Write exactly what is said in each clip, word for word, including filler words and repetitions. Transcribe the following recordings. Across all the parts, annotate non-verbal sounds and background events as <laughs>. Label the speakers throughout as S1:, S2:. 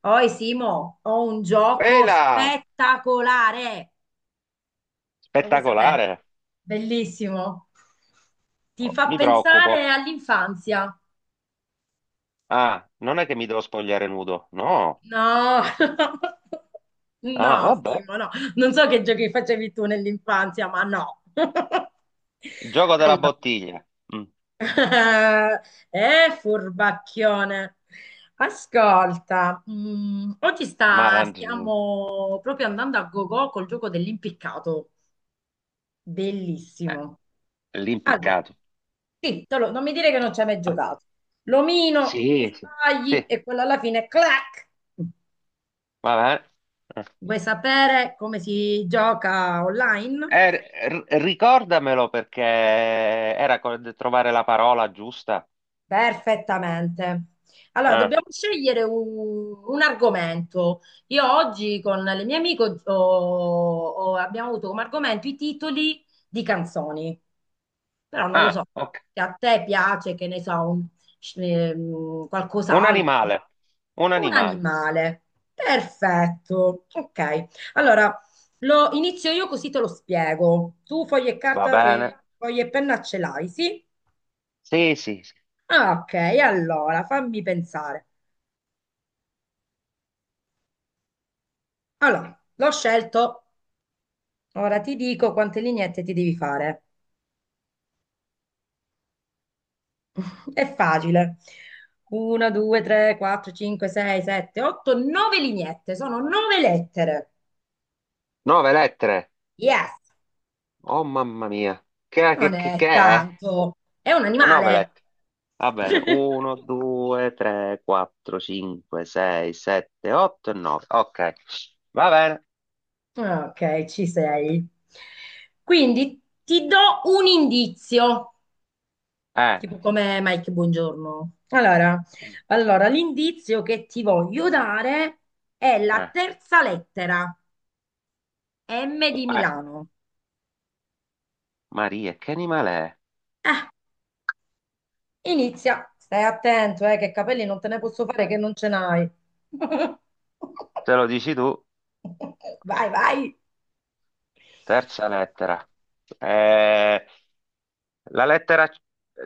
S1: Poi Simo, ho un
S2: Ehi
S1: gioco
S2: là!
S1: spettacolare, lo vuoi sapere?
S2: Spettacolare!
S1: Bellissimo, ti
S2: Oh,
S1: fa
S2: mi preoccupo.
S1: pensare all'infanzia.
S2: Ah, non è che mi devo spogliare nudo. No.
S1: No, <laughs>
S2: Ah,
S1: no
S2: vabbè.
S1: Simo, no, non so che giochi facevi tu nell'infanzia, ma no. <laughs>
S2: Il gioco della
S1: Allora,
S2: bottiglia. Mm,
S1: <laughs> eh, furbacchione. Ascolta, mm, oggi
S2: Ma
S1: sta-
S2: la-
S1: stiamo proprio andando a go-go col gioco dell'impiccato.
S2: eh,
S1: Bellissimo. Allora,
S2: L'impiccato.
S1: sì, te lo- non mi dire che non ci hai mai
S2: Ah,
S1: giocato. L'omino, tu
S2: sì, sì.
S1: sbagli
S2: Sì,
S1: e quello alla fine, clac!
S2: va bene.
S1: Vuoi sapere come si gioca online?
S2: Eh, r- r- ricordamelo perché era co- trovare la parola giusta.
S1: Perfettamente. Allora,
S2: Ah,
S1: dobbiamo scegliere un, un argomento. Io oggi con le mie amiche ho- ho- abbiamo avuto come argomento i titoli di canzoni. Però non lo
S2: ah,
S1: so,
S2: ok.
S1: se a te piace, che ne so, un- ehm,
S2: Un
S1: qualcos'altro.
S2: animale. Un
S1: Un
S2: animale.
S1: animale. Perfetto. Ok. Allora, lo inizio io così te lo spiego. Tu foglie e
S2: Va
S1: carta,
S2: bene.
S1: eh, foglie e penna ce l'hai, sì?
S2: Sì, sì, sì.
S1: Ah, ok, allora fammi pensare. Allora, l'ho scelto. Ora ti dico quante lineette ti devi fare. È facile. uno, due, tre, quattro, cinque, sei, sette, otto, nove lineette. Sono nove lettere.
S2: Nove lettere.
S1: Yes,
S2: Oh, mamma mia. Che,
S1: non
S2: che, che,
S1: è
S2: che è?
S1: tanto. È un
S2: nove
S1: animale.
S2: letti. Va bene, uno,
S1: <laughs>
S2: due, tre, quattro, cinque, sei, sette, otto e nove. Ok, va bene.
S1: Ok, ci sei. Quindi ti do un indizio,
S2: Eh,
S1: tipo come Mike, buongiorno. Allora, allora, l'indizio che ti voglio dare è la
S2: eh,
S1: terza lettera, M di
S2: eh,
S1: Milano.
S2: Maria, che animale è?
S1: Inizia, stai attento, eh, che capelli non te ne posso fare che non ce n'hai. <laughs>
S2: Te lo dici tu,
S1: Vai, vai.
S2: terza lettera. Eh, la lettera,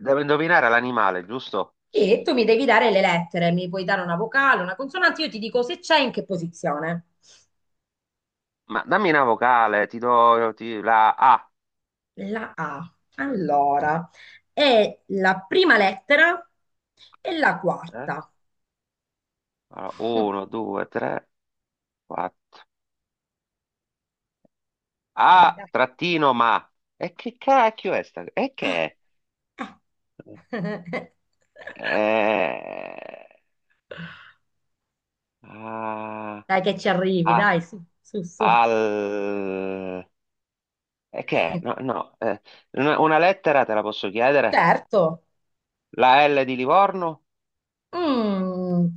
S2: devo indovinare l'animale, giusto?
S1: E tu mi devi dare le lettere, mi puoi dare una vocale, una consonante, io ti dico se c'è in che posizione.
S2: Ma dammi una vocale, ti do ti- la A.
S1: La A. Allora, è la prima lettera e la
S2: Eh?
S1: quarta.
S2: uno, due, tre, quattro.
S1: Dai,
S2: A,
S1: dai.
S2: trattino, ma. E che cacchio è sta? E che è?
S1: Eh. <laughs>
S2: Eh, ah,
S1: Dai che ci arrivi,
S2: ah,
S1: dai,
S2: già.
S1: su, su, su.
S2: al... E che è? No, no, eh, una, una lettera te la posso chiedere?
S1: Certo.
S2: La L di Livorno?
S1: Mm.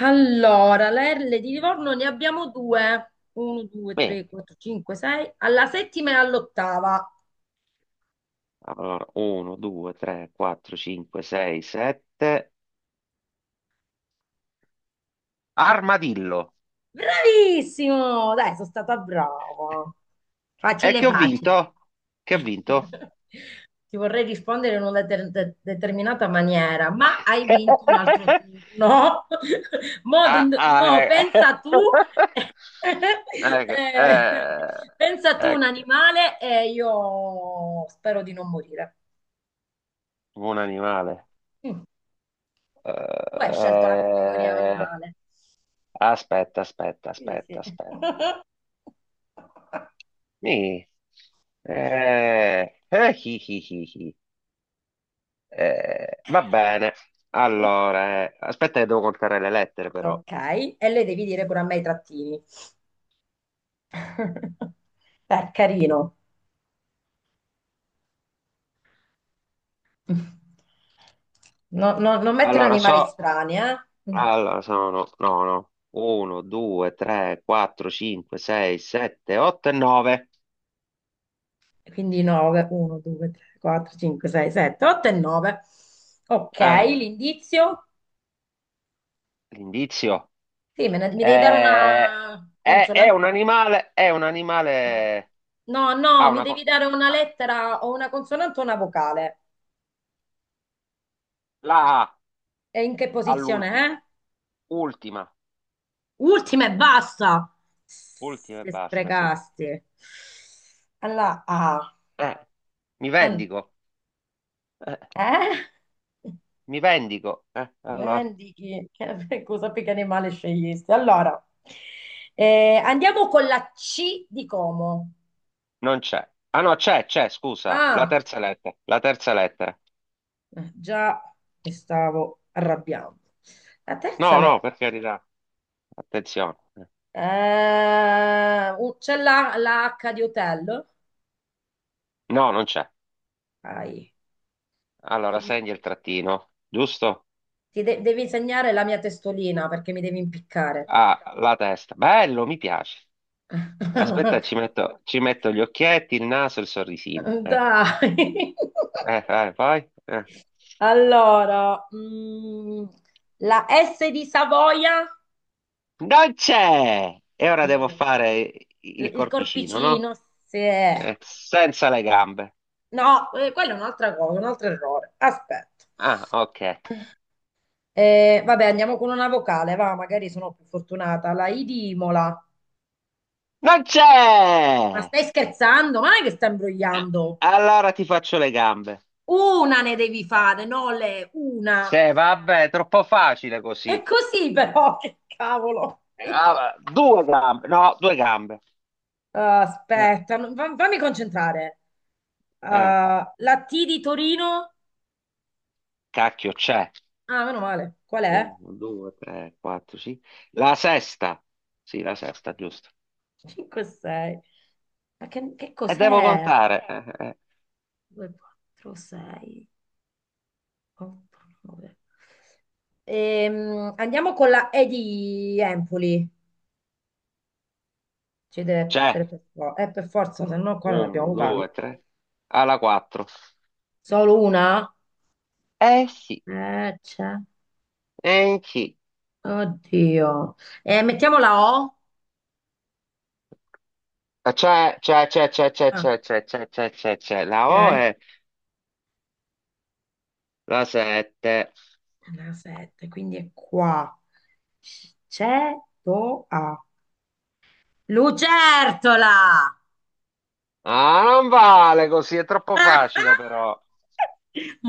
S1: Allora, le erle di Livorno ne abbiamo due. uno, due,
S2: Me.
S1: tre, quattro, cinque, sei. Alla settima e all'ottava.
S2: Allora, uno, due, tre, quattro, cinque, sei, sette. Armadillo.
S1: Bravissimo! Dai, sono stata brava.
S2: E
S1: Facile,
S2: che ho
S1: facile.
S2: vinto? Che ho vinto?
S1: <laughs> Ti vorrei rispondere in una deter- de- determinata maniera, ma hai vinto un altro
S2: <laughs>
S1: turno. <laughs> Mo,
S2: Ah,
S1: do-
S2: ah,
S1: mo,
S2: eh.
S1: pensa tu,
S2: <laughs>
S1: <laughs>
S2: Ecco,
S1: eh,
S2: eh,
S1: pensa tu un
S2: ecco,
S1: animale e io spero di non morire.
S2: un animale.
S1: Mm, tu hai scelto la categoria
S2: Eh,
S1: animale.
S2: Aspetta, aspetta,
S1: Sì,
S2: aspetta,
S1: sì.
S2: aspetta.
S1: <laughs>
S2: Mi- eh, eh, Hi, hi, hi, hi. Eh, va bene. Allora, eh, aspetta che devo contare le lettere però.
S1: Ok, e lei devi dire pure a me i trattini. <laughs> Beh, carino. No- no- non mettere
S2: Allora,
S1: animali
S2: so...
S1: strani, eh?
S2: Allora, sono... No, no. uno, due, tre, quattro, cinque, sei, sette, otto e nove.
S1: Quindi nove, uno, due, tre, quattro, cinque, sei, sette, otto e nove. Ok,
S2: Eh,
S1: l'indizio?
S2: L'indizio.
S1: Sì, me ne- mi devi dare
S2: Eh,
S1: una
S2: è, è
S1: consonante.
S2: un animale, è un animale.
S1: No,
S2: Ha
S1: no, mi
S2: una,
S1: devi
S2: co-
S1: dare una
S2: ah,
S1: lettera o una consonante o una vocale.
S2: la A.
S1: E in che posizione
S2: All'ultima,
S1: è?
S2: ultima,
S1: Ultima e basta.
S2: ultima e
S1: Se
S2: basta, sì.
S1: sprecasti. Alla A.
S2: Eh, Mi vendico, eh,
S1: Eh?
S2: mi vendico. Eh, allora,
S1: Dimentichi, che <laughs> cosa che animale scegliesti? Allora, eh, andiamo con la C di Como.
S2: non c'è. Ah no, c'è, c'è, scusa, la
S1: Ah,
S2: terza lettera, la terza lettera.
S1: eh, già mi stavo arrabbiando. La terza
S2: No,
S1: lei.
S2: no, per carità, attenzione. Eh,
S1: Eh, uh, c'è la, la H di hotel.
S2: No, non c'è.
S1: Dai,
S2: Allora,
S1: quindi
S2: segni il trattino, giusto?
S1: ti de- devi insegnare la mia testolina perché mi devi impiccare.
S2: Ah, la testa. Bello, mi piace. Aspetta,
S1: <laughs>
S2: ci metto, ci metto gli occhietti, il naso, il sorrisino. Ecco.
S1: Dai.
S2: Eh, eh, poi? eh.
S1: Allora, mm, la S di Savoia,
S2: Non c'è! E ora devo
S1: Dio,
S2: fare
S1: l-
S2: il
S1: il
S2: corpicino, no?
S1: corpicino, se...
S2: Eh, senza le gambe.
S1: No, eh, quella è un'altra cosa, un altro errore. Aspetta.
S2: Ah, ok.
S1: Eh, vabbè, andiamo con una vocale, va, magari sono più fortunata. La I di Imola.
S2: Non
S1: Ma
S2: c'è!
S1: stai scherzando? Ma non è che stai imbrogliando?
S2: Allora ti faccio le gambe.
S1: Una ne devi fare, no le, una.
S2: Sì, vabbè, è troppo facile
S1: È
S2: così.
S1: così però, <laughs> che cavolo.
S2: Eh, ah, va- due gambe. No, due gambe.
S1: Ah,
S2: Eh,
S1: aspetta, non- fa- fammi concentrare.
S2: eh,
S1: Ah, la T di Torino?
S2: Cacchio, c'è.
S1: Ah, meno male. Qual è?
S2: Uno, due, tre, quattro, sì. La sesta. Sì, la sesta, giusto.
S1: <laughs> cinque, sei. Ma che, che
S2: E devo
S1: cos'è?
S2: contare. Eh, eh.
S1: due, quattro, sei, otto, nove. Ehm, andiamo con la E di Empoli. Ci deve essere
S2: C'è.
S1: per forza, eh, per forza, se no qua non abbiamo
S2: Uno,
S1: vocali.
S2: due, tre. Alla quattro.
S1: Solo una?
S2: Eh sì,
S1: Eh, c'è.
S2: eh sì.
S1: Oddio. Eh, mettiamo la O.
S2: Ah, C'è, c'è, c'è, c'è, c'è,
S1: Ah,
S2: c'è, c'è, c'è, c'è, c'è, c'è, la O
S1: ok.
S2: è la sette.
S1: La sette, quindi è qua. Cetoa. Lucertola!
S2: Ah, non vale così, è troppo facile però.
S1: <laughs>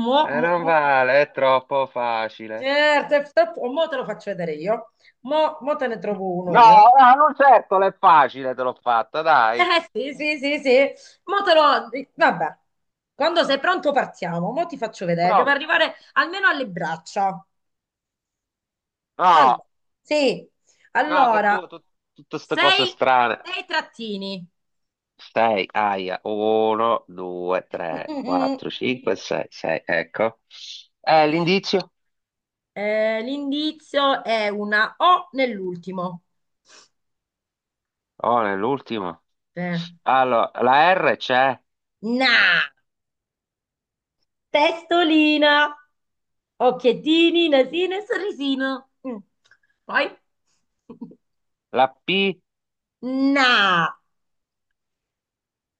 S1: Mo,
S2: Eh,
S1: mo,
S2: non
S1: mo-
S2: vale, è troppo facile.
S1: certo, e sto- mo te lo faccio vedere io. Mo, mo te ne trovo uno
S2: No,
S1: io.
S2: no, non certo, è facile, te l'ho fatta, dai.
S1: Eh sì, sì, sì, sì. Mo te lo... Vabbè. Quando sei pronto partiamo. Mo ti faccio vedere. Devo
S2: Pronto?
S1: arrivare almeno alle braccia. Allora,
S2: No,
S1: sì.
S2: no, che tu,
S1: Allora,
S2: tu- tutte queste cose
S1: sei,
S2: strane.
S1: sei trattini.
S2: sei, aia, uno, due, tre,
S1: <laughs>
S2: quattro, cinque, sei, sei, ecco. Eh, l'indizio?
S1: Eh, l'indizio è una O nell'ultimo.
S2: Oh, nell'ultimo.
S1: Eh,
S2: Allora, la R c'è.
S1: Na, testolina, occhiettini, nasino e sorrisino. Mm. Poi, <laughs>
S2: La P,
S1: na,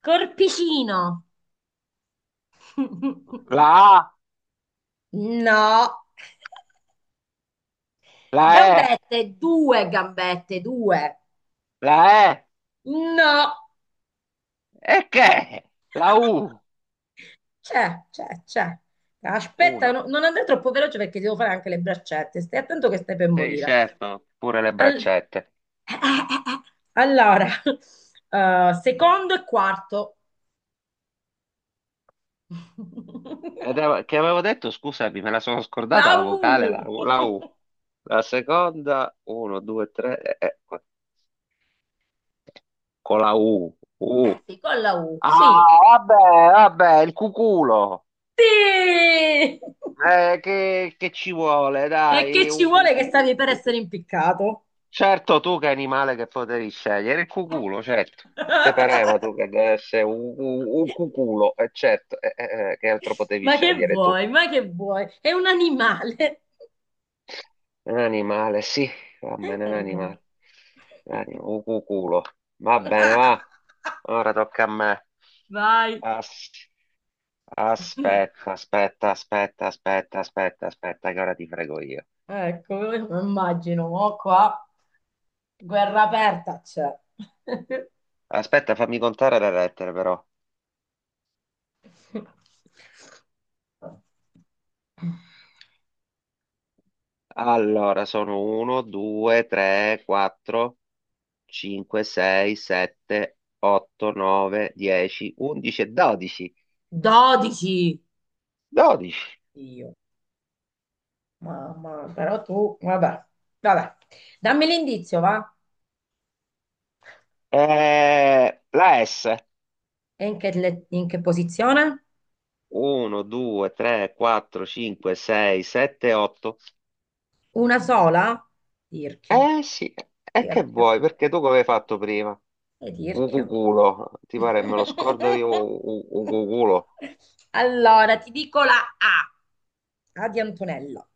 S1: corpicino.
S2: la
S1: <laughs>
S2: A,
S1: No,
S2: la E,
S1: gambette, due gambette, due.
S2: la E,
S1: No,
S2: e che? La U,
S1: c'è, c'è, c'è. Aspetta,
S2: una.
S1: no- non andare troppo veloce perché devo fare anche le braccette. Stai attento che stai per
S2: Sì,
S1: morire.
S2: certo, pure le
S1: Al- eh,
S2: braccette.
S1: eh, eh, eh. Allora, <laughs> eh, secondo e quarto.
S2: Ed
S1: <laughs>
S2: ave- che avevo detto, scusami, me la sono
S1: La
S2: scordata la vocale, la,
S1: U.
S2: U. la U.
S1: <laughs>
S2: La seconda, uno, due, tre, e- e- con la U, U.
S1: Sì, con la U. Sì.
S2: Ah, vabbè, vabbè, il cuculo.
S1: Sì! E
S2: Eh, che, che ci vuole,
S1: che
S2: dai,
S1: ci
S2: un.
S1: vuole che stavi per essere impiccato?
S2: Certo, tu che animale che potevi scegliere, il cuculo, certo. Te pareva
S1: <laughs>
S2: tu che deve essere un, un- un cuculo, e certo, eh, eh, eh, che altro potevi
S1: Ma che
S2: scegliere tu?
S1: vuoi? Ma che vuoi? È un animale.
S2: Un animale, sì, va
S1: È un
S2: bene, un
S1: animale.
S2: animale. Un anim- un cuculo. Va bene,
S1: <laughs>
S2: va. Ora tocca a me.
S1: Vai.
S2: As- Aspetta, aspetta, aspetta, aspetta, aspetta, aspetta, che ora ti frego io.
S1: Ecco, io me lo immagino, mo qua guerra aperta c'è.
S2: Aspetta, fammi contare le lettere però.
S1: <laughs>
S2: Allora, sono uno, due, tre, quattro. cinque, sei, sette, otto, nove, dieci, undici e dodici.
S1: Dodici.
S2: dodici.
S1: Dio, mamma, però tu, vabbè, vabbè. Dammi l'indizio, va?
S2: Eh, la S.
S1: E in che, le- in che posizione?
S2: uno, due, tre, quattro, cinque, sei, sette, otto.
S1: Una sola? Tirchio,
S2: Eh sì, e che
S1: tirchio,
S2: vuoi? Perché tu come hai
S1: e
S2: fatto
S1: ti-
S2: prima?
S1: e tirchio.
S2: Ucuculo. Ti pare me lo scordo io? u- u-
S1: <laughs>
S2: Ucuculo.
S1: Allora, ti dico la A, A di Antonella.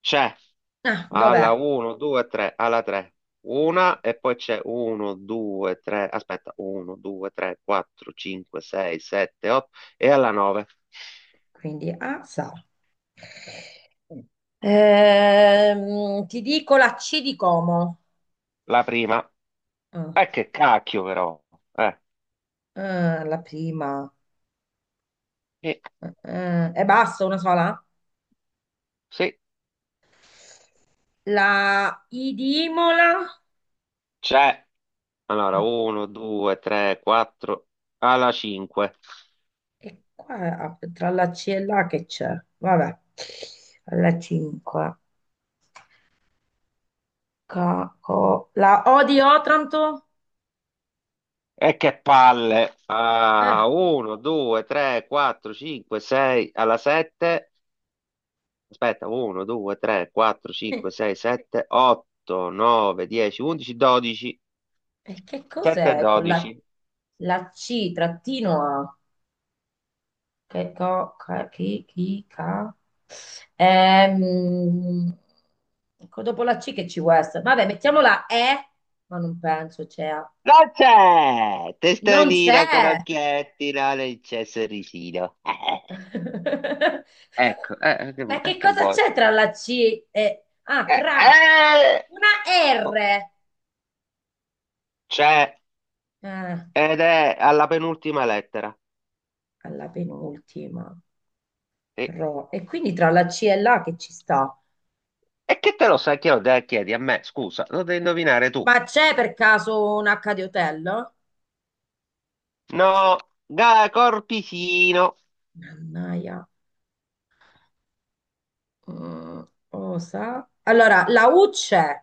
S2: C'è.
S1: Ah,
S2: Alla
S1: dov'è?
S2: uno, due, tre, alla tre. Una e poi c'è uno, due, tre, aspetta, uno, due, tre, quattro, cinque, sei, sette, otto e alla nove.
S1: Quindi A sa. Mm. Ehm, ti dico la C di Como.
S2: La prima.
S1: Ah,
S2: Eh, che cacchio però. Eh,
S1: ah, la prima.
S2: sì,
S1: Eh, e basta, una sola?
S2: sì,
S1: La I di Imola.
S2: c'è. Allora,
S1: Eh,
S2: uno, due, tre, quattro, alla cinque.
S1: e qua ah, tra la C e la che c'è? Vabbè. La cinque. Ca- co- la O di Otranto?
S2: E che palle. Ah,
S1: Eh,
S2: uno, due, tre, quattro, cinque, sei, alla sette. Aspetta, uno, due, tre, quattro,
S1: <laughs>
S2: cinque,
S1: eh,
S2: sei, sette, otto, nove, dieci, undici, dodici,
S1: e che
S2: sette e
S1: cos'è con la,
S2: dodici.
S1: la C trattino A? Che co, ca, chi, chi, ca. Ehm, co- dopo la C che ci può essere? Vabbè, mettiamo la E, ma non penso c'è. A.
S2: Non c'è!
S1: Non
S2: Testolina con
S1: c'è!
S2: occhietti, no, non c'è sorrisino. <laughs>
S1: <laughs>
S2: Ecco, eh, eh, che, vu-
S1: Ma
S2: eh,
S1: che
S2: che
S1: cosa
S2: vuoi?
S1: c'è tra la C e... Ah,
S2: Eh,
S1: cra.
S2: eh!
S1: Una
S2: Oh,
S1: R.
S2: c'è
S1: Eh,
S2: ed è alla penultima lettera.
S1: alla penultima.
S2: E,
S1: Ro. E quindi tra la C e l'A che ci sta?
S2: e che te lo sai che lo dai- chiedi a me? Scusa, lo devi indovinare tu.
S1: Ma c'è per caso un H di hotel?
S2: No, ga- corpicino.
S1: Mannaia. Mm, osa. Allora, la U c'è,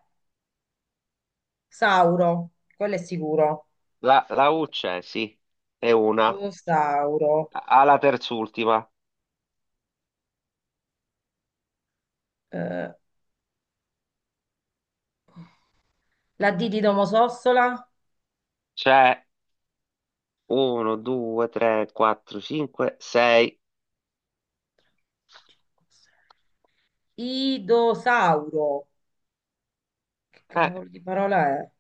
S1: Sauro, quello è sicuro.
S2: La, la U c'è, sì, è una.
S1: Osauro.
S2: Alla terz'ultima
S1: Eh, la D di Domodossola?
S2: c'è uno, due, tre, quattro, cinque, sei.
S1: Idosauro. Che cavolo di parola è?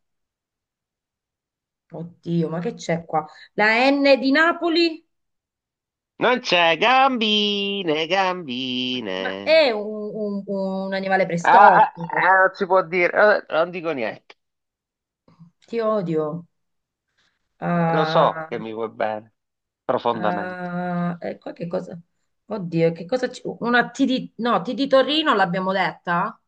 S1: Oddio, ma che c'è qua? La N di Napoli?
S2: Non c'è gambine,
S1: Ma
S2: gambine.
S1: è un, un- un animale
S2: Ah, ah,
S1: preistorico.
S2: ah, non si può dire. Eh, non dico niente.
S1: Ti odio.
S2: Eh, lo so che mi vuoi bene, profondamente.
S1: Ah, ecco che cosa. Oddio, che cosa ci- Una T di... No, T di Torino l'abbiamo detta?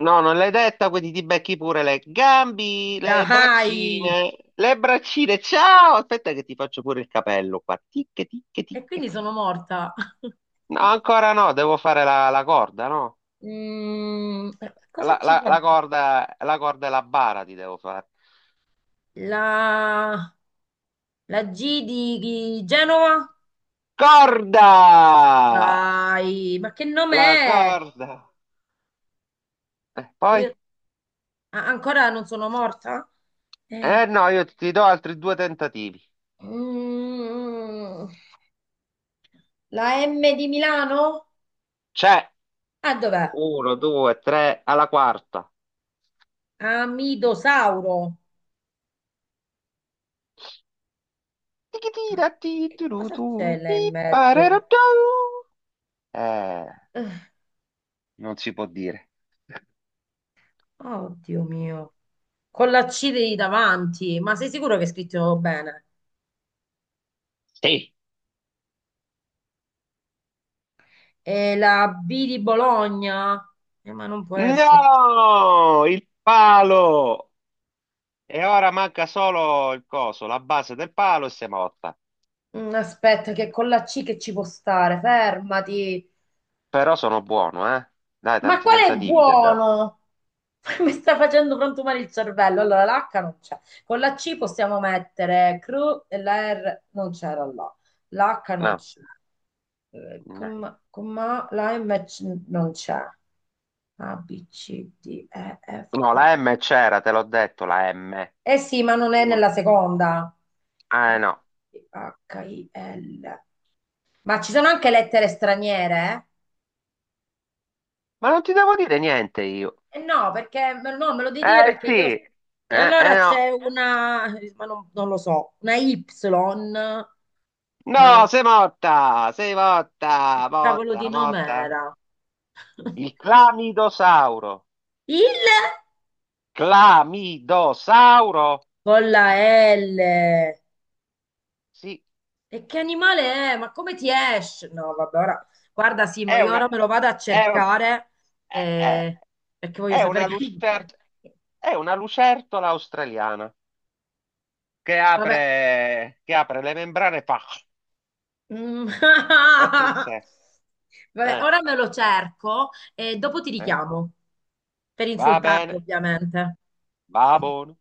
S2: No, non l'hai detta, quindi ti becchi pure le gambi, le
S1: Dai!
S2: braccine, le braccine. Ciao! Aspetta che ti faccio pure il capello qua. Tic, tic,
S1: E
S2: tic.
S1: quindi sono morta. <laughs>
S2: No, ancora no, devo fare la, la corda, no?
S1: Mm, eh, cosa
S2: La,
S1: ci
S2: la-
S1: può...
S2: la corda, la corda e la bara ti devo fare.
S1: La... La G di, di Genova?
S2: Corda!
S1: Dai, ma che nome
S2: La
S1: è?
S2: corda. Eh,
S1: Voglio-
S2: poi?
S1: a- Ancora non sono morta?
S2: Eh
S1: Eh,
S2: no, io ti do altri due tentativi.
S1: mm, la M di Milano?
S2: C'è
S1: Ah, dov'è?
S2: uno, due, tre, alla quarta.
S1: Amidosauro. Ah,
S2: Tichitira, ti,
S1: e che
S2: tu,
S1: cosa
S2: tu,
S1: c'è là
S2: ti,
S1: in
S2: parerà,
S1: mezzo?
S2: tu. Eh,
S1: Eh,
S2: Non si può dire.
S1: Oddio mio. Con la C di davanti, ma sei sicuro che è scritto bene?
S2: Sì.
S1: E la B di Bologna? Eh, ma non può essere.
S2: No! Il palo! E ora manca solo il coso, la base del palo e siamo a otta.
S1: Mm, aspetta, che con la C che ci può stare? Fermati.
S2: Però sono buono, eh? Dai,
S1: Ma
S2: tanti
S1: qual è
S2: tentativi ti ho dato.
S1: buono? <laughs> Mi sta facendo frantumare il cervello. Allora, l'H non c'è. Con la C possiamo mettere cru e la R non c'era là. L'H non
S2: No,
S1: c'è. Eh,
S2: no.
S1: com- com- ma là invece non c'è. A, B, C, D, E, F.
S2: No, la M c'era, te l'ho detto, la M.
S1: Eh sì, ma non è
S2: Uno.
S1: nella seconda. F,
S2: Eh no.
S1: G, H, I, L. Ma ci sono anche lettere straniere?
S2: Ma non ti devo dire niente io.
S1: Eh no, perché me- no, me lo devi dire
S2: Eh
S1: perché io.
S2: sì.
S1: E
S2: Eh,
S1: allora
S2: eh no.
S1: c'è una, ma non, non lo so, una Y, ma non.
S2: No, sei morta, sei morta,
S1: Che cavolo
S2: morta,
S1: di nome
S2: morta.
S1: era? <laughs>
S2: Il clamidosauro.
S1: Il
S2: Clamidosauro?
S1: con la L.
S2: Sì,
S1: E che animale è? Ma come ti esce? No, vabbè, ora guarda Simo,
S2: è
S1: io
S2: una.
S1: ora me lo vado a
S2: È un.
S1: cercare
S2: è- è-
S1: eh, perché voglio
S2: È
S1: sapere
S2: una
S1: che animale
S2: lucert-
S1: è.
S2: è una lucertola australiana che
S1: Vabbè.
S2: apre, che apre le membrane e fa
S1: Mm.
S2: e
S1: <laughs>
S2: ti insegue.
S1: Vabbè,
S2: Eh,
S1: ora me lo cerco e dopo ti
S2: eh.
S1: richiamo per
S2: Va
S1: insultarti,
S2: bene,
S1: ovviamente.
S2: va buono.